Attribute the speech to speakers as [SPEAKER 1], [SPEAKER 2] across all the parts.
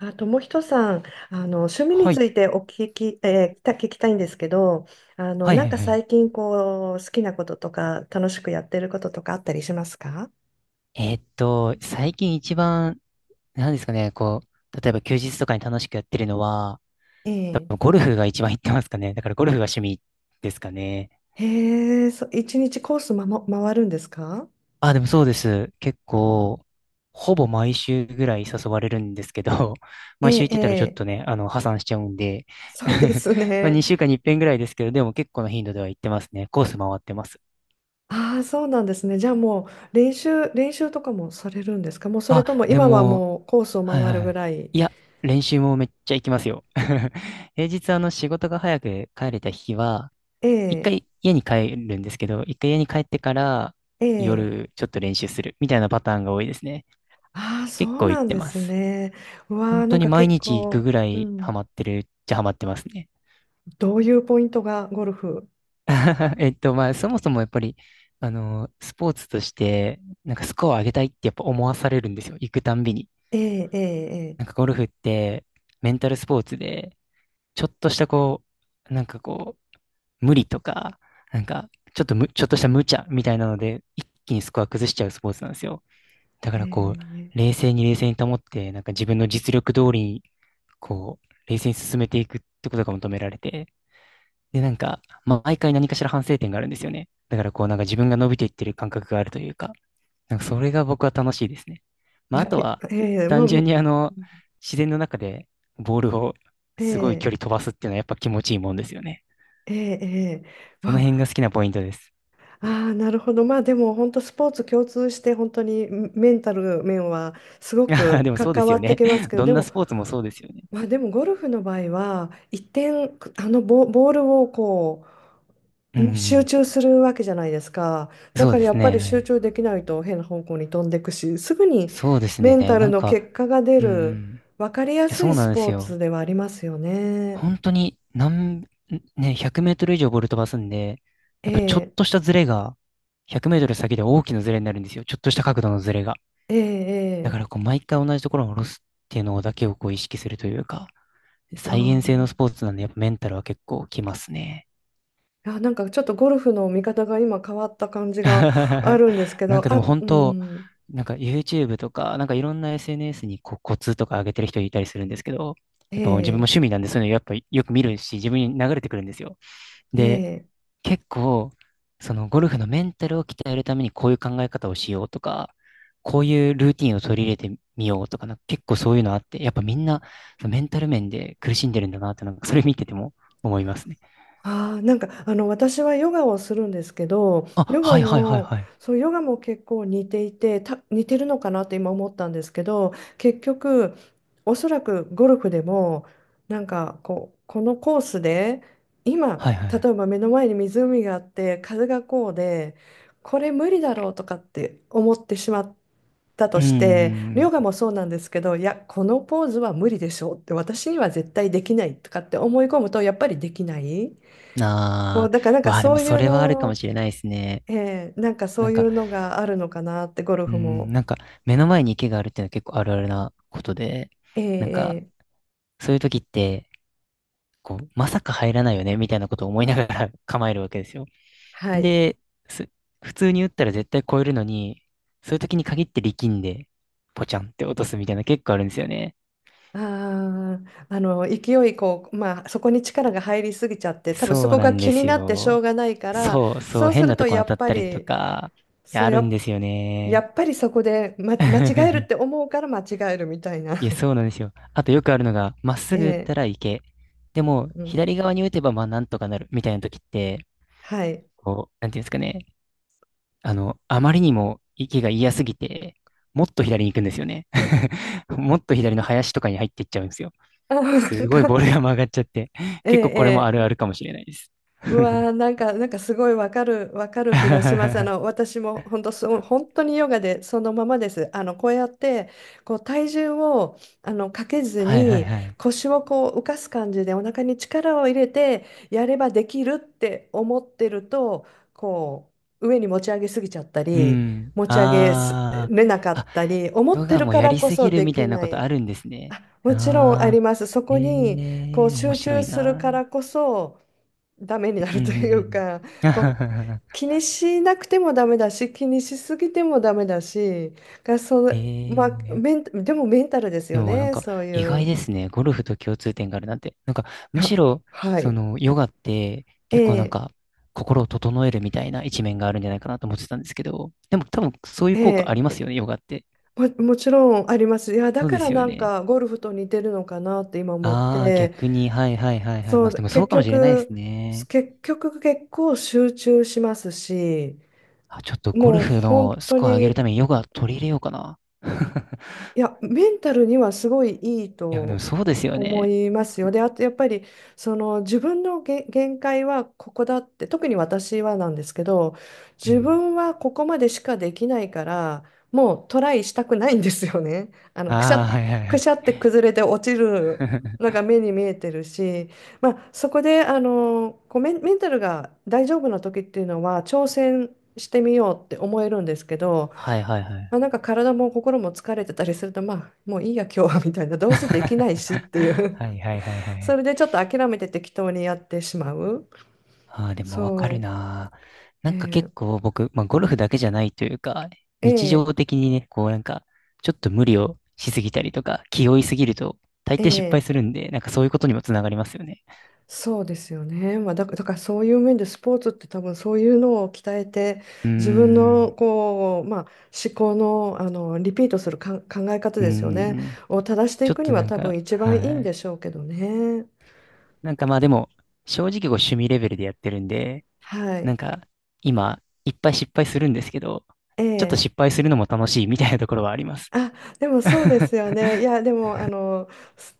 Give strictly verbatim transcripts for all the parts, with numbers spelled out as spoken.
[SPEAKER 1] あ、友人さん、あの趣味に
[SPEAKER 2] は
[SPEAKER 1] つ
[SPEAKER 2] い。
[SPEAKER 1] いてお聞き、えーた聞きたいんですけど、あの
[SPEAKER 2] はい
[SPEAKER 1] なん
[SPEAKER 2] はい
[SPEAKER 1] か
[SPEAKER 2] はい。
[SPEAKER 1] 最近こう好きなこととか楽しくやってることとかあったりしますか？
[SPEAKER 2] えーっと、最近一番、何ですかね、こう、例えば休日とかに楽しくやってるのは、
[SPEAKER 1] え
[SPEAKER 2] 多
[SPEAKER 1] え。
[SPEAKER 2] 分ゴルフが一番行ってますかね。だからゴルフが趣味ですかね。
[SPEAKER 1] へえ、そ、一日コース、まも、回るんですか？
[SPEAKER 2] あ、でもそうです。結構、ほぼ毎週ぐらい誘われるんですけど、
[SPEAKER 1] え
[SPEAKER 2] 毎週
[SPEAKER 1] え、
[SPEAKER 2] 行っ
[SPEAKER 1] え
[SPEAKER 2] てたらちょっ
[SPEAKER 1] え、
[SPEAKER 2] とね、あの、破産しちゃうんで、
[SPEAKER 1] そうで す
[SPEAKER 2] まあ2週
[SPEAKER 1] ね。
[SPEAKER 2] 間にいっぺん遍ぐらいですけど、でも結構の頻度では行ってますね。コース回ってます。
[SPEAKER 1] ああ、そうなんですね。じゃあもう練習、練習とかもされるんですか？もうそれ
[SPEAKER 2] あ、
[SPEAKER 1] とも
[SPEAKER 2] で
[SPEAKER 1] 今は
[SPEAKER 2] も、
[SPEAKER 1] もうコースを
[SPEAKER 2] はいは
[SPEAKER 1] 回
[SPEAKER 2] い
[SPEAKER 1] る
[SPEAKER 2] は
[SPEAKER 1] ぐ
[SPEAKER 2] い。
[SPEAKER 1] らい。
[SPEAKER 2] いや、練習もめっちゃ行きますよ。平日あの仕事が早く帰れた日は、
[SPEAKER 1] え
[SPEAKER 2] 一
[SPEAKER 1] え、
[SPEAKER 2] 回家に帰るんですけど、一回家に帰ってから
[SPEAKER 1] ええ。
[SPEAKER 2] 夜ちょっと練習するみたいなパターンが多いですね。
[SPEAKER 1] ああ、そ
[SPEAKER 2] 結
[SPEAKER 1] う
[SPEAKER 2] 構行
[SPEAKER 1] な
[SPEAKER 2] っ
[SPEAKER 1] ん
[SPEAKER 2] て
[SPEAKER 1] で
[SPEAKER 2] ま
[SPEAKER 1] す
[SPEAKER 2] す。
[SPEAKER 1] ね。うわ
[SPEAKER 2] 本
[SPEAKER 1] あ、な
[SPEAKER 2] 当
[SPEAKER 1] ん
[SPEAKER 2] に
[SPEAKER 1] か
[SPEAKER 2] 毎
[SPEAKER 1] 結
[SPEAKER 2] 日行く
[SPEAKER 1] 構、
[SPEAKER 2] ぐら
[SPEAKER 1] う
[SPEAKER 2] いハマ
[SPEAKER 1] ん、
[SPEAKER 2] ってるっちゃハマってますね。
[SPEAKER 1] どういうポイントがゴルフ？
[SPEAKER 2] えっと、まあ、そもそもやっぱり、あの、スポーツとして、なんかスコアを上げたいってやっぱ思わされるんですよ。行くたんびに。
[SPEAKER 1] えええ
[SPEAKER 2] なんか
[SPEAKER 1] え
[SPEAKER 2] ゴルフってメンタルスポーツで、ちょっとしたこう、なんかこう、無理とか、なんか、ちょっとむ、ちょっとした無茶みたいなので、一気にスコア崩しちゃうスポーツなんですよ。だか
[SPEAKER 1] え
[SPEAKER 2] らこ
[SPEAKER 1] え
[SPEAKER 2] う、
[SPEAKER 1] ええ、
[SPEAKER 2] 冷静に冷静に保って、なんか自分の実力通りに、こう、冷静に進めていくってことが求められて、で、なんか、まあ、毎回何かしら反省点があるんですよね。だからこう、なんか自分が伸びていってる感覚があるというか、なんかそれが僕は楽しいですね。
[SPEAKER 1] い
[SPEAKER 2] まあ、あ
[SPEAKER 1] や
[SPEAKER 2] と
[SPEAKER 1] え
[SPEAKER 2] は、
[SPEAKER 1] えええ、も
[SPEAKER 2] 単
[SPEAKER 1] うも
[SPEAKER 2] 純
[SPEAKER 1] う
[SPEAKER 2] にあの、自然の中でボールをすごい
[SPEAKER 1] ええ
[SPEAKER 2] 距離飛ばすっていうのはやっぱ気持ちいいもんですよね。
[SPEAKER 1] ええええ、
[SPEAKER 2] そ
[SPEAKER 1] ま
[SPEAKER 2] の辺が
[SPEAKER 1] あ、
[SPEAKER 2] 好きなポイントです。
[SPEAKER 1] ああ、なるほど。まあでも本当スポーツ共通して本当にメメンタル面はす ご
[SPEAKER 2] いや
[SPEAKER 1] く
[SPEAKER 2] でもそうで
[SPEAKER 1] 関
[SPEAKER 2] す
[SPEAKER 1] わ
[SPEAKER 2] よ
[SPEAKER 1] って
[SPEAKER 2] ね。
[SPEAKER 1] きます けど、
[SPEAKER 2] どん
[SPEAKER 1] で
[SPEAKER 2] な
[SPEAKER 1] も、
[SPEAKER 2] スポーツもそうですよね。
[SPEAKER 1] まあでもゴルフの場合は一点あのボ、ボールをこう
[SPEAKER 2] う
[SPEAKER 1] ね集
[SPEAKER 2] ん。
[SPEAKER 1] 中するわけじゃないですか。だ
[SPEAKER 2] そ
[SPEAKER 1] か
[SPEAKER 2] うで
[SPEAKER 1] らや
[SPEAKER 2] す
[SPEAKER 1] っぱ
[SPEAKER 2] ね。
[SPEAKER 1] り
[SPEAKER 2] は
[SPEAKER 1] 集
[SPEAKER 2] い
[SPEAKER 1] 中できないと変な方向に飛んでいくし、すぐに
[SPEAKER 2] そうです
[SPEAKER 1] メン
[SPEAKER 2] ね。
[SPEAKER 1] タル
[SPEAKER 2] なん
[SPEAKER 1] の
[SPEAKER 2] か、
[SPEAKER 1] 結果が出
[SPEAKER 2] う
[SPEAKER 1] る
[SPEAKER 2] ん。
[SPEAKER 1] 分かりや
[SPEAKER 2] え
[SPEAKER 1] す
[SPEAKER 2] そ
[SPEAKER 1] い
[SPEAKER 2] う
[SPEAKER 1] ス
[SPEAKER 2] なんで
[SPEAKER 1] ポ
[SPEAKER 2] す
[SPEAKER 1] ーツ
[SPEAKER 2] よ。
[SPEAKER 1] ではありますよね。
[SPEAKER 2] 本当に、何、ね、ひゃくメートル以上ボール飛ばすんで、
[SPEAKER 1] え
[SPEAKER 2] やっぱちょっ
[SPEAKER 1] え、
[SPEAKER 2] としたズレが、ひゃくメートル先で大きなズレになるんですよ。ちょっとした角度のズレが。
[SPEAKER 1] ええ、
[SPEAKER 2] だ
[SPEAKER 1] え
[SPEAKER 2] か
[SPEAKER 1] え。
[SPEAKER 2] らこう、毎回同じところを下ろすっていうのだけをこう意識するというか、
[SPEAKER 1] あ
[SPEAKER 2] 再現性の
[SPEAKER 1] あ、
[SPEAKER 2] スポーツなんで、やっぱメンタルは結構きますね。
[SPEAKER 1] いやなんかちょっとゴルフの見方が今変わった感じがあ るんですけ
[SPEAKER 2] なんか
[SPEAKER 1] ど、
[SPEAKER 2] でも
[SPEAKER 1] あ、
[SPEAKER 2] 本
[SPEAKER 1] う
[SPEAKER 2] 当、
[SPEAKER 1] ん、
[SPEAKER 2] なんか YouTube とか、なんかいろんな エスエヌエス にこうコツとか上げてる人いたりするんですけど、
[SPEAKER 1] え
[SPEAKER 2] やっぱもう自分も
[SPEAKER 1] え、
[SPEAKER 2] 趣味なんで、そういうのやっぱよく見るし、自分に流れてくるんですよ。
[SPEAKER 1] え
[SPEAKER 2] で、
[SPEAKER 1] え。
[SPEAKER 2] 結構、そのゴルフのメンタルを鍛えるためにこういう考え方をしようとか、こういうルーティンを取り入れてみようとか、なんか結構そういうのあって、やっぱみんなそのメンタル面で苦しんでるんだなって、なんかそれ見てても思いますね。
[SPEAKER 1] ああ、なんかあの私はヨガをするんですけど、
[SPEAKER 2] あ、
[SPEAKER 1] ヨガ
[SPEAKER 2] はいはいはい
[SPEAKER 1] も、
[SPEAKER 2] はい。
[SPEAKER 1] そう、ヨガも結構似ていて、た、似てるのかなって今思ったんですけど、結局、おそらくゴルフでも、なんかこう、このコースで、
[SPEAKER 2] は
[SPEAKER 1] 今、
[SPEAKER 2] いはい。
[SPEAKER 1] 例えば目の前に湖があって、風がこうで、これ無理だろうとかって思ってしまった
[SPEAKER 2] う
[SPEAKER 1] と
[SPEAKER 2] ーう
[SPEAKER 1] して、ヨガ
[SPEAKER 2] ん
[SPEAKER 1] もそうなんですけど、いや、このポーズは無理でしょうって、私には絶対できないとかって思い込むと、やっぱりできない。こう
[SPEAKER 2] あ
[SPEAKER 1] だからなん
[SPEAKER 2] あ、
[SPEAKER 1] か
[SPEAKER 2] わあ、で
[SPEAKER 1] そ
[SPEAKER 2] も
[SPEAKER 1] うい
[SPEAKER 2] そ
[SPEAKER 1] う
[SPEAKER 2] れはあるかも
[SPEAKER 1] の、
[SPEAKER 2] しれないですね。
[SPEAKER 1] えーなんかそ
[SPEAKER 2] な
[SPEAKER 1] う
[SPEAKER 2] ん
[SPEAKER 1] い
[SPEAKER 2] か、
[SPEAKER 1] うのがあるのかなってゴル
[SPEAKER 2] う
[SPEAKER 1] フ
[SPEAKER 2] ん、
[SPEAKER 1] も。
[SPEAKER 2] なんか目の前に池があるっていうのは結構あるあるなことで、
[SPEAKER 1] えー
[SPEAKER 2] なんか
[SPEAKER 1] えー、
[SPEAKER 2] そういう時って、こう、まさか入らないよねみたいなことを思いながら 構えるわけですよ。
[SPEAKER 1] はい。
[SPEAKER 2] で、す普通に打ったら絶対超えるのに、そういう時に限って力んで、ポチャンって落とすみたいな結構あるんですよね。
[SPEAKER 1] あー、あの勢いこう、まあ、そこに力が入りすぎちゃって多分そ
[SPEAKER 2] そう
[SPEAKER 1] こ
[SPEAKER 2] な
[SPEAKER 1] が
[SPEAKER 2] んで
[SPEAKER 1] 気に
[SPEAKER 2] す
[SPEAKER 1] なってしょう
[SPEAKER 2] よ。
[SPEAKER 1] がないから、
[SPEAKER 2] そうそ
[SPEAKER 1] そ
[SPEAKER 2] う、
[SPEAKER 1] うす
[SPEAKER 2] 変
[SPEAKER 1] る
[SPEAKER 2] な
[SPEAKER 1] と
[SPEAKER 2] とこ
[SPEAKER 1] や
[SPEAKER 2] 当た
[SPEAKER 1] っ
[SPEAKER 2] っ
[SPEAKER 1] ぱ
[SPEAKER 2] たりと
[SPEAKER 1] り
[SPEAKER 2] か、いや
[SPEAKER 1] そう
[SPEAKER 2] あ
[SPEAKER 1] や
[SPEAKER 2] るんで
[SPEAKER 1] っ、
[SPEAKER 2] すよ
[SPEAKER 1] や
[SPEAKER 2] ね。
[SPEAKER 1] っぱりそこで、ま、間違えるって 思うから間違えるみたいな。
[SPEAKER 2] いや、そうなんですよ。あとよくあるのが、まっすぐ打っ
[SPEAKER 1] え
[SPEAKER 2] たら池。でも、
[SPEAKER 1] ーうん、
[SPEAKER 2] 左側に打てば、まあ、なんとかなる、みたいな時って、
[SPEAKER 1] はい。
[SPEAKER 2] こう、なんていうんですかね。あの、あまりにも池が嫌すぎて、もっと左に行くんですよね。もっと左の林とかに入っていっちゃうんですよ。
[SPEAKER 1] あー、な
[SPEAKER 2] す
[SPEAKER 1] ん
[SPEAKER 2] ごいボ
[SPEAKER 1] か、
[SPEAKER 2] ールが曲がっちゃって。
[SPEAKER 1] えー
[SPEAKER 2] 結構これもあ
[SPEAKER 1] え
[SPEAKER 2] る
[SPEAKER 1] ー、
[SPEAKER 2] あるかもしれないです。
[SPEAKER 1] う わー、なんか、なんかすごいわかる、わかる気がします。あ
[SPEAKER 2] は
[SPEAKER 1] の、私も本当そう、本当にヨガでそのままです。あの、こうやって、こう体重を、あの、かけ
[SPEAKER 2] い
[SPEAKER 1] ず
[SPEAKER 2] はい
[SPEAKER 1] に、
[SPEAKER 2] はい。
[SPEAKER 1] 腰をこう浮かす感じでお腹に力を入れて、やればできるって思ってると、こう、上に持ち上げすぎちゃった
[SPEAKER 2] う
[SPEAKER 1] り、
[SPEAKER 2] ん。
[SPEAKER 1] 持ち上げす
[SPEAKER 2] あ
[SPEAKER 1] れなか
[SPEAKER 2] あ。
[SPEAKER 1] ったり、思っ
[SPEAKER 2] ヨ
[SPEAKER 1] て
[SPEAKER 2] ガ
[SPEAKER 1] る
[SPEAKER 2] も
[SPEAKER 1] か
[SPEAKER 2] や
[SPEAKER 1] ら
[SPEAKER 2] り
[SPEAKER 1] こ
[SPEAKER 2] す
[SPEAKER 1] そ
[SPEAKER 2] ぎる
[SPEAKER 1] で
[SPEAKER 2] みた
[SPEAKER 1] き
[SPEAKER 2] いな
[SPEAKER 1] な
[SPEAKER 2] こと
[SPEAKER 1] い。
[SPEAKER 2] あるんですね。
[SPEAKER 1] あ、もちろんあ
[SPEAKER 2] あ
[SPEAKER 1] り
[SPEAKER 2] あ、
[SPEAKER 1] ます。そ
[SPEAKER 2] え
[SPEAKER 1] こに、こう
[SPEAKER 2] え面
[SPEAKER 1] 集
[SPEAKER 2] 白
[SPEAKER 1] 中
[SPEAKER 2] い
[SPEAKER 1] するから
[SPEAKER 2] な。
[SPEAKER 1] こそ、ダメにな
[SPEAKER 2] う
[SPEAKER 1] る
[SPEAKER 2] んう
[SPEAKER 1] と
[SPEAKER 2] ん
[SPEAKER 1] い
[SPEAKER 2] う
[SPEAKER 1] う
[SPEAKER 2] ん。
[SPEAKER 1] か、こ う気にしなくてもダメだし、気にしすぎてもダメだし、がそのまあ、
[SPEAKER 2] ええ
[SPEAKER 1] メン、でもメンタルです
[SPEAKER 2] で
[SPEAKER 1] よ
[SPEAKER 2] もなん
[SPEAKER 1] ね、
[SPEAKER 2] か
[SPEAKER 1] そうい
[SPEAKER 2] 意外
[SPEAKER 1] う。
[SPEAKER 2] ですね。ゴルフと共通点があるなんて。なんか
[SPEAKER 1] い
[SPEAKER 2] む
[SPEAKER 1] や、
[SPEAKER 2] しろ、
[SPEAKER 1] は
[SPEAKER 2] そ
[SPEAKER 1] い。
[SPEAKER 2] のヨガって
[SPEAKER 1] え
[SPEAKER 2] 結構なん
[SPEAKER 1] え、
[SPEAKER 2] か心を整えるみたいな一面があるんじゃないかなと思ってたんですけど、でも多分そういう
[SPEAKER 1] え
[SPEAKER 2] 効果あ
[SPEAKER 1] え、
[SPEAKER 2] りますよね、ヨガって。
[SPEAKER 1] も、もちろんあります。いや、だ
[SPEAKER 2] そう
[SPEAKER 1] か
[SPEAKER 2] で
[SPEAKER 1] ら
[SPEAKER 2] すよ
[SPEAKER 1] なん
[SPEAKER 2] ね。
[SPEAKER 1] かゴルフと似てるのかなって今思っ
[SPEAKER 2] ああ、
[SPEAKER 1] て、
[SPEAKER 2] 逆に、はいはいはいはい。
[SPEAKER 1] そ
[SPEAKER 2] まあで
[SPEAKER 1] う、
[SPEAKER 2] もそ
[SPEAKER 1] 結
[SPEAKER 2] うかもしれないです
[SPEAKER 1] 局、
[SPEAKER 2] ね。
[SPEAKER 1] 結局結構集中しますし、
[SPEAKER 2] あ、ちょっとゴル
[SPEAKER 1] もう
[SPEAKER 2] フ
[SPEAKER 1] 本
[SPEAKER 2] のス
[SPEAKER 1] 当
[SPEAKER 2] コア上げるた
[SPEAKER 1] に。
[SPEAKER 2] めにヨガ取り入れようかな。
[SPEAKER 1] いや、メンタルにはすごいいい
[SPEAKER 2] いや、でも
[SPEAKER 1] と
[SPEAKER 2] そうですよ
[SPEAKER 1] 思
[SPEAKER 2] ね。
[SPEAKER 1] いますよ。で、あとやっぱりその自分のげ限界はここだって、特に私はなんですけど、
[SPEAKER 2] う
[SPEAKER 1] 自
[SPEAKER 2] ん。
[SPEAKER 1] 分はここまでしかできないから、もうトライしたくないんですよね。あの、くしゃ、
[SPEAKER 2] ああ、はいはいは
[SPEAKER 1] く
[SPEAKER 2] い。
[SPEAKER 1] しゃって崩れて落ちるの が目に見えてるし、まあ、そこであのこうメン、メンタルが大丈夫な時っていうのは挑戦してみようって思えるんですけど、
[SPEAKER 2] はいはいはい。
[SPEAKER 1] まあ、なんか体も心も疲れてたりすると、まあ、もういいや、今日はみたいな、どうせできないしっていう
[SPEAKER 2] はいはいはいは
[SPEAKER 1] そ
[SPEAKER 2] い。
[SPEAKER 1] れでちょっと諦めて適当にやってしまう。
[SPEAKER 2] ああ、でもわかる
[SPEAKER 1] そ
[SPEAKER 2] な。
[SPEAKER 1] う、え
[SPEAKER 2] なんか結
[SPEAKER 1] ー、
[SPEAKER 2] 構僕、まあゴルフだけじゃないというか、日
[SPEAKER 1] え
[SPEAKER 2] 常的にね、こうなんか、ちょっと無理をしすぎたりとか、気負いすぎると、大
[SPEAKER 1] ー、え
[SPEAKER 2] 抵失敗す
[SPEAKER 1] ー
[SPEAKER 2] るんで、なんかそういうことにもつながりますよね。
[SPEAKER 1] そうですよね。まあ、だ、だからそういう面でスポーツって多分そういうのを鍛えて、
[SPEAKER 2] うー
[SPEAKER 1] 自分の
[SPEAKER 2] ん、
[SPEAKER 1] こう、まあ、思考の、あのリピートするか考え方
[SPEAKER 2] うー
[SPEAKER 1] ですよね、
[SPEAKER 2] ん、
[SPEAKER 1] を正して
[SPEAKER 2] ちょ
[SPEAKER 1] い
[SPEAKER 2] っ
[SPEAKER 1] くに
[SPEAKER 2] と
[SPEAKER 1] は
[SPEAKER 2] なん
[SPEAKER 1] 多
[SPEAKER 2] か、
[SPEAKER 1] 分一番い
[SPEAKER 2] は
[SPEAKER 1] いんで
[SPEAKER 2] い。
[SPEAKER 1] しょうけどね。
[SPEAKER 2] なんかまあでも、正直こう趣味レベルでやってるんで、
[SPEAKER 1] は
[SPEAKER 2] なん
[SPEAKER 1] い。
[SPEAKER 2] か今、いっぱい失敗するんですけど、
[SPEAKER 1] え
[SPEAKER 2] ちょっと
[SPEAKER 1] え、
[SPEAKER 2] 失敗するのも楽しいみたいなところはあります。
[SPEAKER 1] あ、でもそうですよ ね。いや、でも、あの、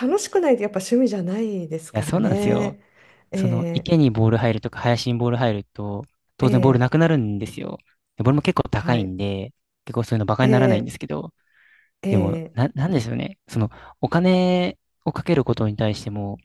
[SPEAKER 1] 楽しくないとやっぱ趣味じゃないです
[SPEAKER 2] いや、
[SPEAKER 1] から
[SPEAKER 2] そうなんですよ。
[SPEAKER 1] ね。
[SPEAKER 2] その
[SPEAKER 1] え
[SPEAKER 2] 池にボール入るとか林にボール入ると、
[SPEAKER 1] え
[SPEAKER 2] 当然ボール
[SPEAKER 1] え
[SPEAKER 2] な
[SPEAKER 1] え、
[SPEAKER 2] くなるんですよ。で、ボールも結構高
[SPEAKER 1] は
[SPEAKER 2] いん
[SPEAKER 1] い。
[SPEAKER 2] で、結構そういうのバカにならないんで
[SPEAKER 1] ええ
[SPEAKER 2] すけど、でも、
[SPEAKER 1] ええ
[SPEAKER 2] な、なんですよね。その、お金をかけることに対しても、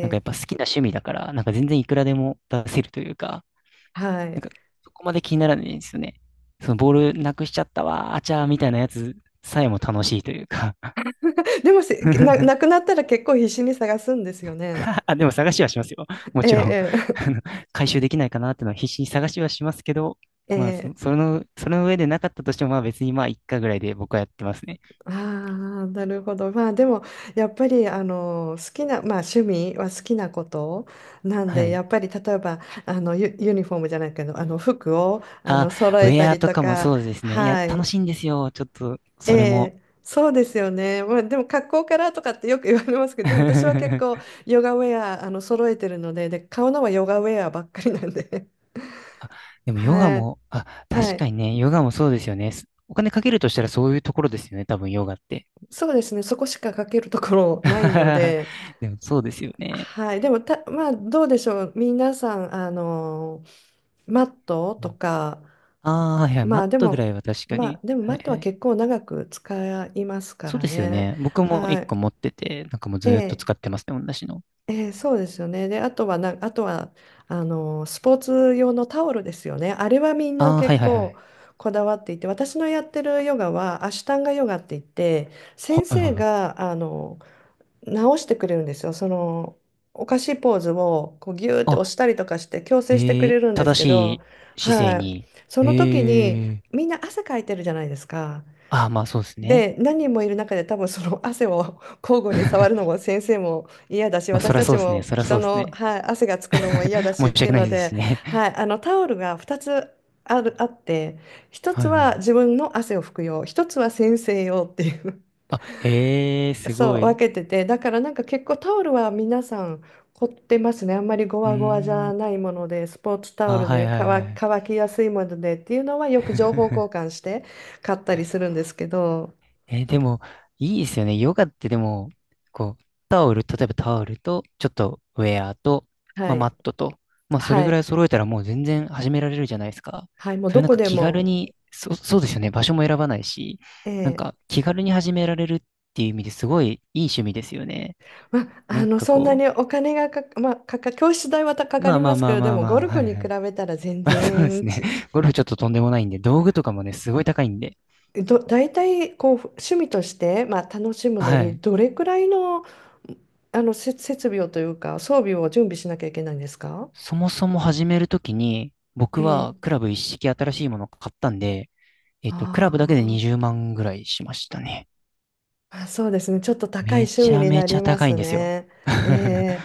[SPEAKER 2] なんかやっ
[SPEAKER 1] え、
[SPEAKER 2] ぱ好きな趣味だから、なんか全然いくらでも出せるというか、
[SPEAKER 1] は
[SPEAKER 2] なん
[SPEAKER 1] い。
[SPEAKER 2] か、そこまで気にならないんですよね。そのボールなくしちゃったわ、あちゃーみたいなやつさえも楽しいというか
[SPEAKER 1] でもせ、な、な くなったら結構必死に探すんですよね。
[SPEAKER 2] あ、でも探しはしますよ。もちろん。
[SPEAKER 1] ええ
[SPEAKER 2] あの、回収できないかなっていうのは必死に探しはしますけど、
[SPEAKER 1] ええ
[SPEAKER 2] まあ、その、
[SPEAKER 1] ええ、
[SPEAKER 2] その、その上でなかったとしても、まあ別にまあ一回ぐらいで僕はやってますね。
[SPEAKER 1] ああ、なるほど。まあでも、やっぱり、あの、好きな、まあ趣味は好きなことなん
[SPEAKER 2] は
[SPEAKER 1] で、
[SPEAKER 2] い。
[SPEAKER 1] やっぱり、例えば、あの、ユ、ユニフォームじゃないけど、あの、服を、あ
[SPEAKER 2] あ、
[SPEAKER 1] の、揃
[SPEAKER 2] ウ
[SPEAKER 1] えた
[SPEAKER 2] ェア
[SPEAKER 1] り
[SPEAKER 2] と
[SPEAKER 1] と
[SPEAKER 2] かも
[SPEAKER 1] か、
[SPEAKER 2] そうですね。いや、
[SPEAKER 1] は
[SPEAKER 2] 楽
[SPEAKER 1] い。
[SPEAKER 2] しいんですよ。ちょっと、
[SPEAKER 1] え
[SPEAKER 2] それも。
[SPEAKER 1] え、そうですよね。まあでも、格好からとかってよく言われますけど、でも私は結構、ヨガウェア、あの、揃えてるので、で、買うのはヨガウェアばっかりなんで。
[SPEAKER 2] でもヨガ
[SPEAKER 1] はい。
[SPEAKER 2] も、あ、
[SPEAKER 1] は
[SPEAKER 2] 確か
[SPEAKER 1] い。
[SPEAKER 2] にね、ヨガもそうですよね。すお金かけるとしたらそういうところですよね。多分ヨガって。
[SPEAKER 1] そうですね。そこしかかけるところないの で、
[SPEAKER 2] でもそうですよね。
[SPEAKER 1] はい、でもた、まあ、どうでしょう、皆さん、あのマットとか、
[SPEAKER 2] ああ、はいはい。マ
[SPEAKER 1] ま
[SPEAKER 2] ッ
[SPEAKER 1] あで
[SPEAKER 2] トぐら
[SPEAKER 1] も、
[SPEAKER 2] いは確か
[SPEAKER 1] まあ、
[SPEAKER 2] に。
[SPEAKER 1] でもマ
[SPEAKER 2] はい
[SPEAKER 1] ット
[SPEAKER 2] は
[SPEAKER 1] は
[SPEAKER 2] い。
[SPEAKER 1] 結構長く使いますか
[SPEAKER 2] そう
[SPEAKER 1] ら
[SPEAKER 2] ですよ
[SPEAKER 1] ね。
[SPEAKER 2] ね。僕も一
[SPEAKER 1] は
[SPEAKER 2] 個
[SPEAKER 1] い。
[SPEAKER 2] 持ってて、なんかもう
[SPEAKER 1] え
[SPEAKER 2] ずーっと
[SPEAKER 1] え、
[SPEAKER 2] 使ってますね、同じの。
[SPEAKER 1] ええ、そうですよね。で、あとはな、あとは、あのスポーツ用のタオルですよね。あれはみんな
[SPEAKER 2] ああ、は
[SPEAKER 1] 結
[SPEAKER 2] いはいは
[SPEAKER 1] 構
[SPEAKER 2] い。
[SPEAKER 1] こだわっていて、私のやってるヨガはアシュタンガヨガって言って、先
[SPEAKER 2] はいはい
[SPEAKER 1] 生
[SPEAKER 2] はい。
[SPEAKER 1] が、あの直してくれるんですよ。そのおかしいポーズをこうギューって押
[SPEAKER 2] あ、
[SPEAKER 1] したりとかして矯
[SPEAKER 2] え
[SPEAKER 1] 正してく
[SPEAKER 2] ー
[SPEAKER 1] れるんです
[SPEAKER 2] 正
[SPEAKER 1] け
[SPEAKER 2] し
[SPEAKER 1] ど、
[SPEAKER 2] い姿勢
[SPEAKER 1] はい、
[SPEAKER 2] に。
[SPEAKER 1] その時に
[SPEAKER 2] ええ
[SPEAKER 1] みんな汗かいてるじゃないですか。
[SPEAKER 2] ああー、まあそうですね。
[SPEAKER 1] で、何人もいる中で多分その汗を 交互に触るのも先生も嫌だし、
[SPEAKER 2] まあそ
[SPEAKER 1] 私
[SPEAKER 2] ら
[SPEAKER 1] た
[SPEAKER 2] そ
[SPEAKER 1] ち
[SPEAKER 2] うですね。
[SPEAKER 1] も
[SPEAKER 2] そらそ
[SPEAKER 1] 人
[SPEAKER 2] うです
[SPEAKER 1] の、
[SPEAKER 2] ね。
[SPEAKER 1] はい、汗がつくのも嫌だしっ
[SPEAKER 2] 申し
[SPEAKER 1] てい
[SPEAKER 2] 訳
[SPEAKER 1] う
[SPEAKER 2] ない
[SPEAKER 1] の
[SPEAKER 2] です
[SPEAKER 1] で、
[SPEAKER 2] しね。
[SPEAKER 1] はい、あのタオルがふたつある、あって、 一
[SPEAKER 2] は
[SPEAKER 1] つ
[SPEAKER 2] いは
[SPEAKER 1] は
[SPEAKER 2] い。
[SPEAKER 1] 自分の汗を拭く用、一つは先生用っていう、
[SPEAKER 2] あ、ええす
[SPEAKER 1] そ
[SPEAKER 2] ご
[SPEAKER 1] う分
[SPEAKER 2] い。
[SPEAKER 1] けてて、だからなんか結構タオルは皆さん凝ってますね。あんまりゴ
[SPEAKER 2] う
[SPEAKER 1] ワゴワじ
[SPEAKER 2] ー
[SPEAKER 1] ゃ
[SPEAKER 2] ん。
[SPEAKER 1] ないもので、スポーツタオ
[SPEAKER 2] ああ、
[SPEAKER 1] ル
[SPEAKER 2] はい
[SPEAKER 1] で
[SPEAKER 2] はいは
[SPEAKER 1] 乾、
[SPEAKER 2] い。
[SPEAKER 1] 乾きやすいものでっていうのはよく情報交 換して買ったりするんですけど、
[SPEAKER 2] えーでも、いいですよね。ヨガってでも、こう、タオル、例えばタオルと、ちょっとウェアと、ま
[SPEAKER 1] は
[SPEAKER 2] あ、マ
[SPEAKER 1] い、
[SPEAKER 2] ットと、まあ、それ
[SPEAKER 1] は
[SPEAKER 2] ぐら
[SPEAKER 1] い、
[SPEAKER 2] い揃えたらもう全然始められるじゃないですか。
[SPEAKER 1] はい、もう
[SPEAKER 2] そういう
[SPEAKER 1] ど
[SPEAKER 2] なん
[SPEAKER 1] こ
[SPEAKER 2] か
[SPEAKER 1] で
[SPEAKER 2] 気軽
[SPEAKER 1] も、
[SPEAKER 2] に、そ、そうですよね。場所も選ばないし、
[SPEAKER 1] え
[SPEAKER 2] なん
[SPEAKER 1] え、
[SPEAKER 2] か気軽に始められるっていう意味ですごいいい趣味ですよね。
[SPEAKER 1] ま
[SPEAKER 2] な
[SPEAKER 1] あ
[SPEAKER 2] ん
[SPEAKER 1] の
[SPEAKER 2] か
[SPEAKER 1] そんな
[SPEAKER 2] こ
[SPEAKER 1] にお金がか、まかか教室代はたか
[SPEAKER 2] う、
[SPEAKER 1] か
[SPEAKER 2] まあ
[SPEAKER 1] り
[SPEAKER 2] ま
[SPEAKER 1] ま
[SPEAKER 2] あ
[SPEAKER 1] すけ
[SPEAKER 2] まあ
[SPEAKER 1] ど、で
[SPEAKER 2] まあ
[SPEAKER 1] もゴ
[SPEAKER 2] まあ、
[SPEAKER 1] ル
[SPEAKER 2] は
[SPEAKER 1] フ
[SPEAKER 2] い
[SPEAKER 1] に
[SPEAKER 2] は
[SPEAKER 1] 比
[SPEAKER 2] い。
[SPEAKER 1] べたら全
[SPEAKER 2] まあそうで
[SPEAKER 1] 然
[SPEAKER 2] すね。
[SPEAKER 1] 違う。
[SPEAKER 2] ゴルフちょっととんでもないんで、道具とかもね、すごい高いんで。
[SPEAKER 1] ど、大体こう趣味として、まあ、楽しむの
[SPEAKER 2] は
[SPEAKER 1] に
[SPEAKER 2] い。
[SPEAKER 1] どれくらいの、あのせ設備をというか装備を準備しなきゃいけないんですか？
[SPEAKER 2] そもそも始めるときに、
[SPEAKER 1] え
[SPEAKER 2] 僕は
[SPEAKER 1] え。
[SPEAKER 2] クラブ一式新しいものを買ったんで、えっ
[SPEAKER 1] あ
[SPEAKER 2] と、クラブだけで
[SPEAKER 1] ー、
[SPEAKER 2] にじゅうまんぐらいしましたね。
[SPEAKER 1] あ、そうですね。ちょっと高い
[SPEAKER 2] め
[SPEAKER 1] 趣
[SPEAKER 2] ち
[SPEAKER 1] 味
[SPEAKER 2] ゃ
[SPEAKER 1] に
[SPEAKER 2] め
[SPEAKER 1] な
[SPEAKER 2] ち
[SPEAKER 1] り
[SPEAKER 2] ゃ
[SPEAKER 1] ま
[SPEAKER 2] 高い
[SPEAKER 1] す
[SPEAKER 2] んですよ。
[SPEAKER 1] ね。え え、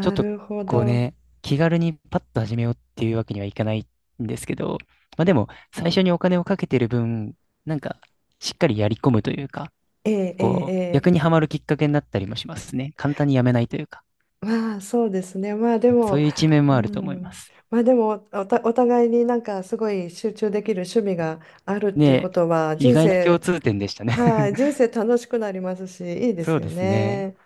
[SPEAKER 2] ちょっと、
[SPEAKER 1] るほ
[SPEAKER 2] こう
[SPEAKER 1] ど。
[SPEAKER 2] ね、気軽にパッと始めようっていうわけにはいかないんですけど、まあでも、最初にお金をかけてる分、なんか、しっかりやり込むというか、
[SPEAKER 1] ええ、ええ、
[SPEAKER 2] こう、
[SPEAKER 1] え
[SPEAKER 2] 逆
[SPEAKER 1] え、
[SPEAKER 2] にはまるきっかけになったりもしますね。簡単にやめないというか、
[SPEAKER 1] まあそうですね。まあで
[SPEAKER 2] なんかそう
[SPEAKER 1] も、
[SPEAKER 2] いう一面
[SPEAKER 1] う
[SPEAKER 2] もあると思いま
[SPEAKER 1] ん。
[SPEAKER 2] す。
[SPEAKER 1] まあでもお、お互いになんかすごい集中できる趣味があるっ
[SPEAKER 2] ね
[SPEAKER 1] ていうこ
[SPEAKER 2] え、
[SPEAKER 1] とは
[SPEAKER 2] 意
[SPEAKER 1] 人
[SPEAKER 2] 外な共
[SPEAKER 1] 生、
[SPEAKER 2] 通点でしたね。
[SPEAKER 1] はい、人生楽しくなりますし、いいで
[SPEAKER 2] そ
[SPEAKER 1] す
[SPEAKER 2] うで
[SPEAKER 1] よ
[SPEAKER 2] すね。
[SPEAKER 1] ね。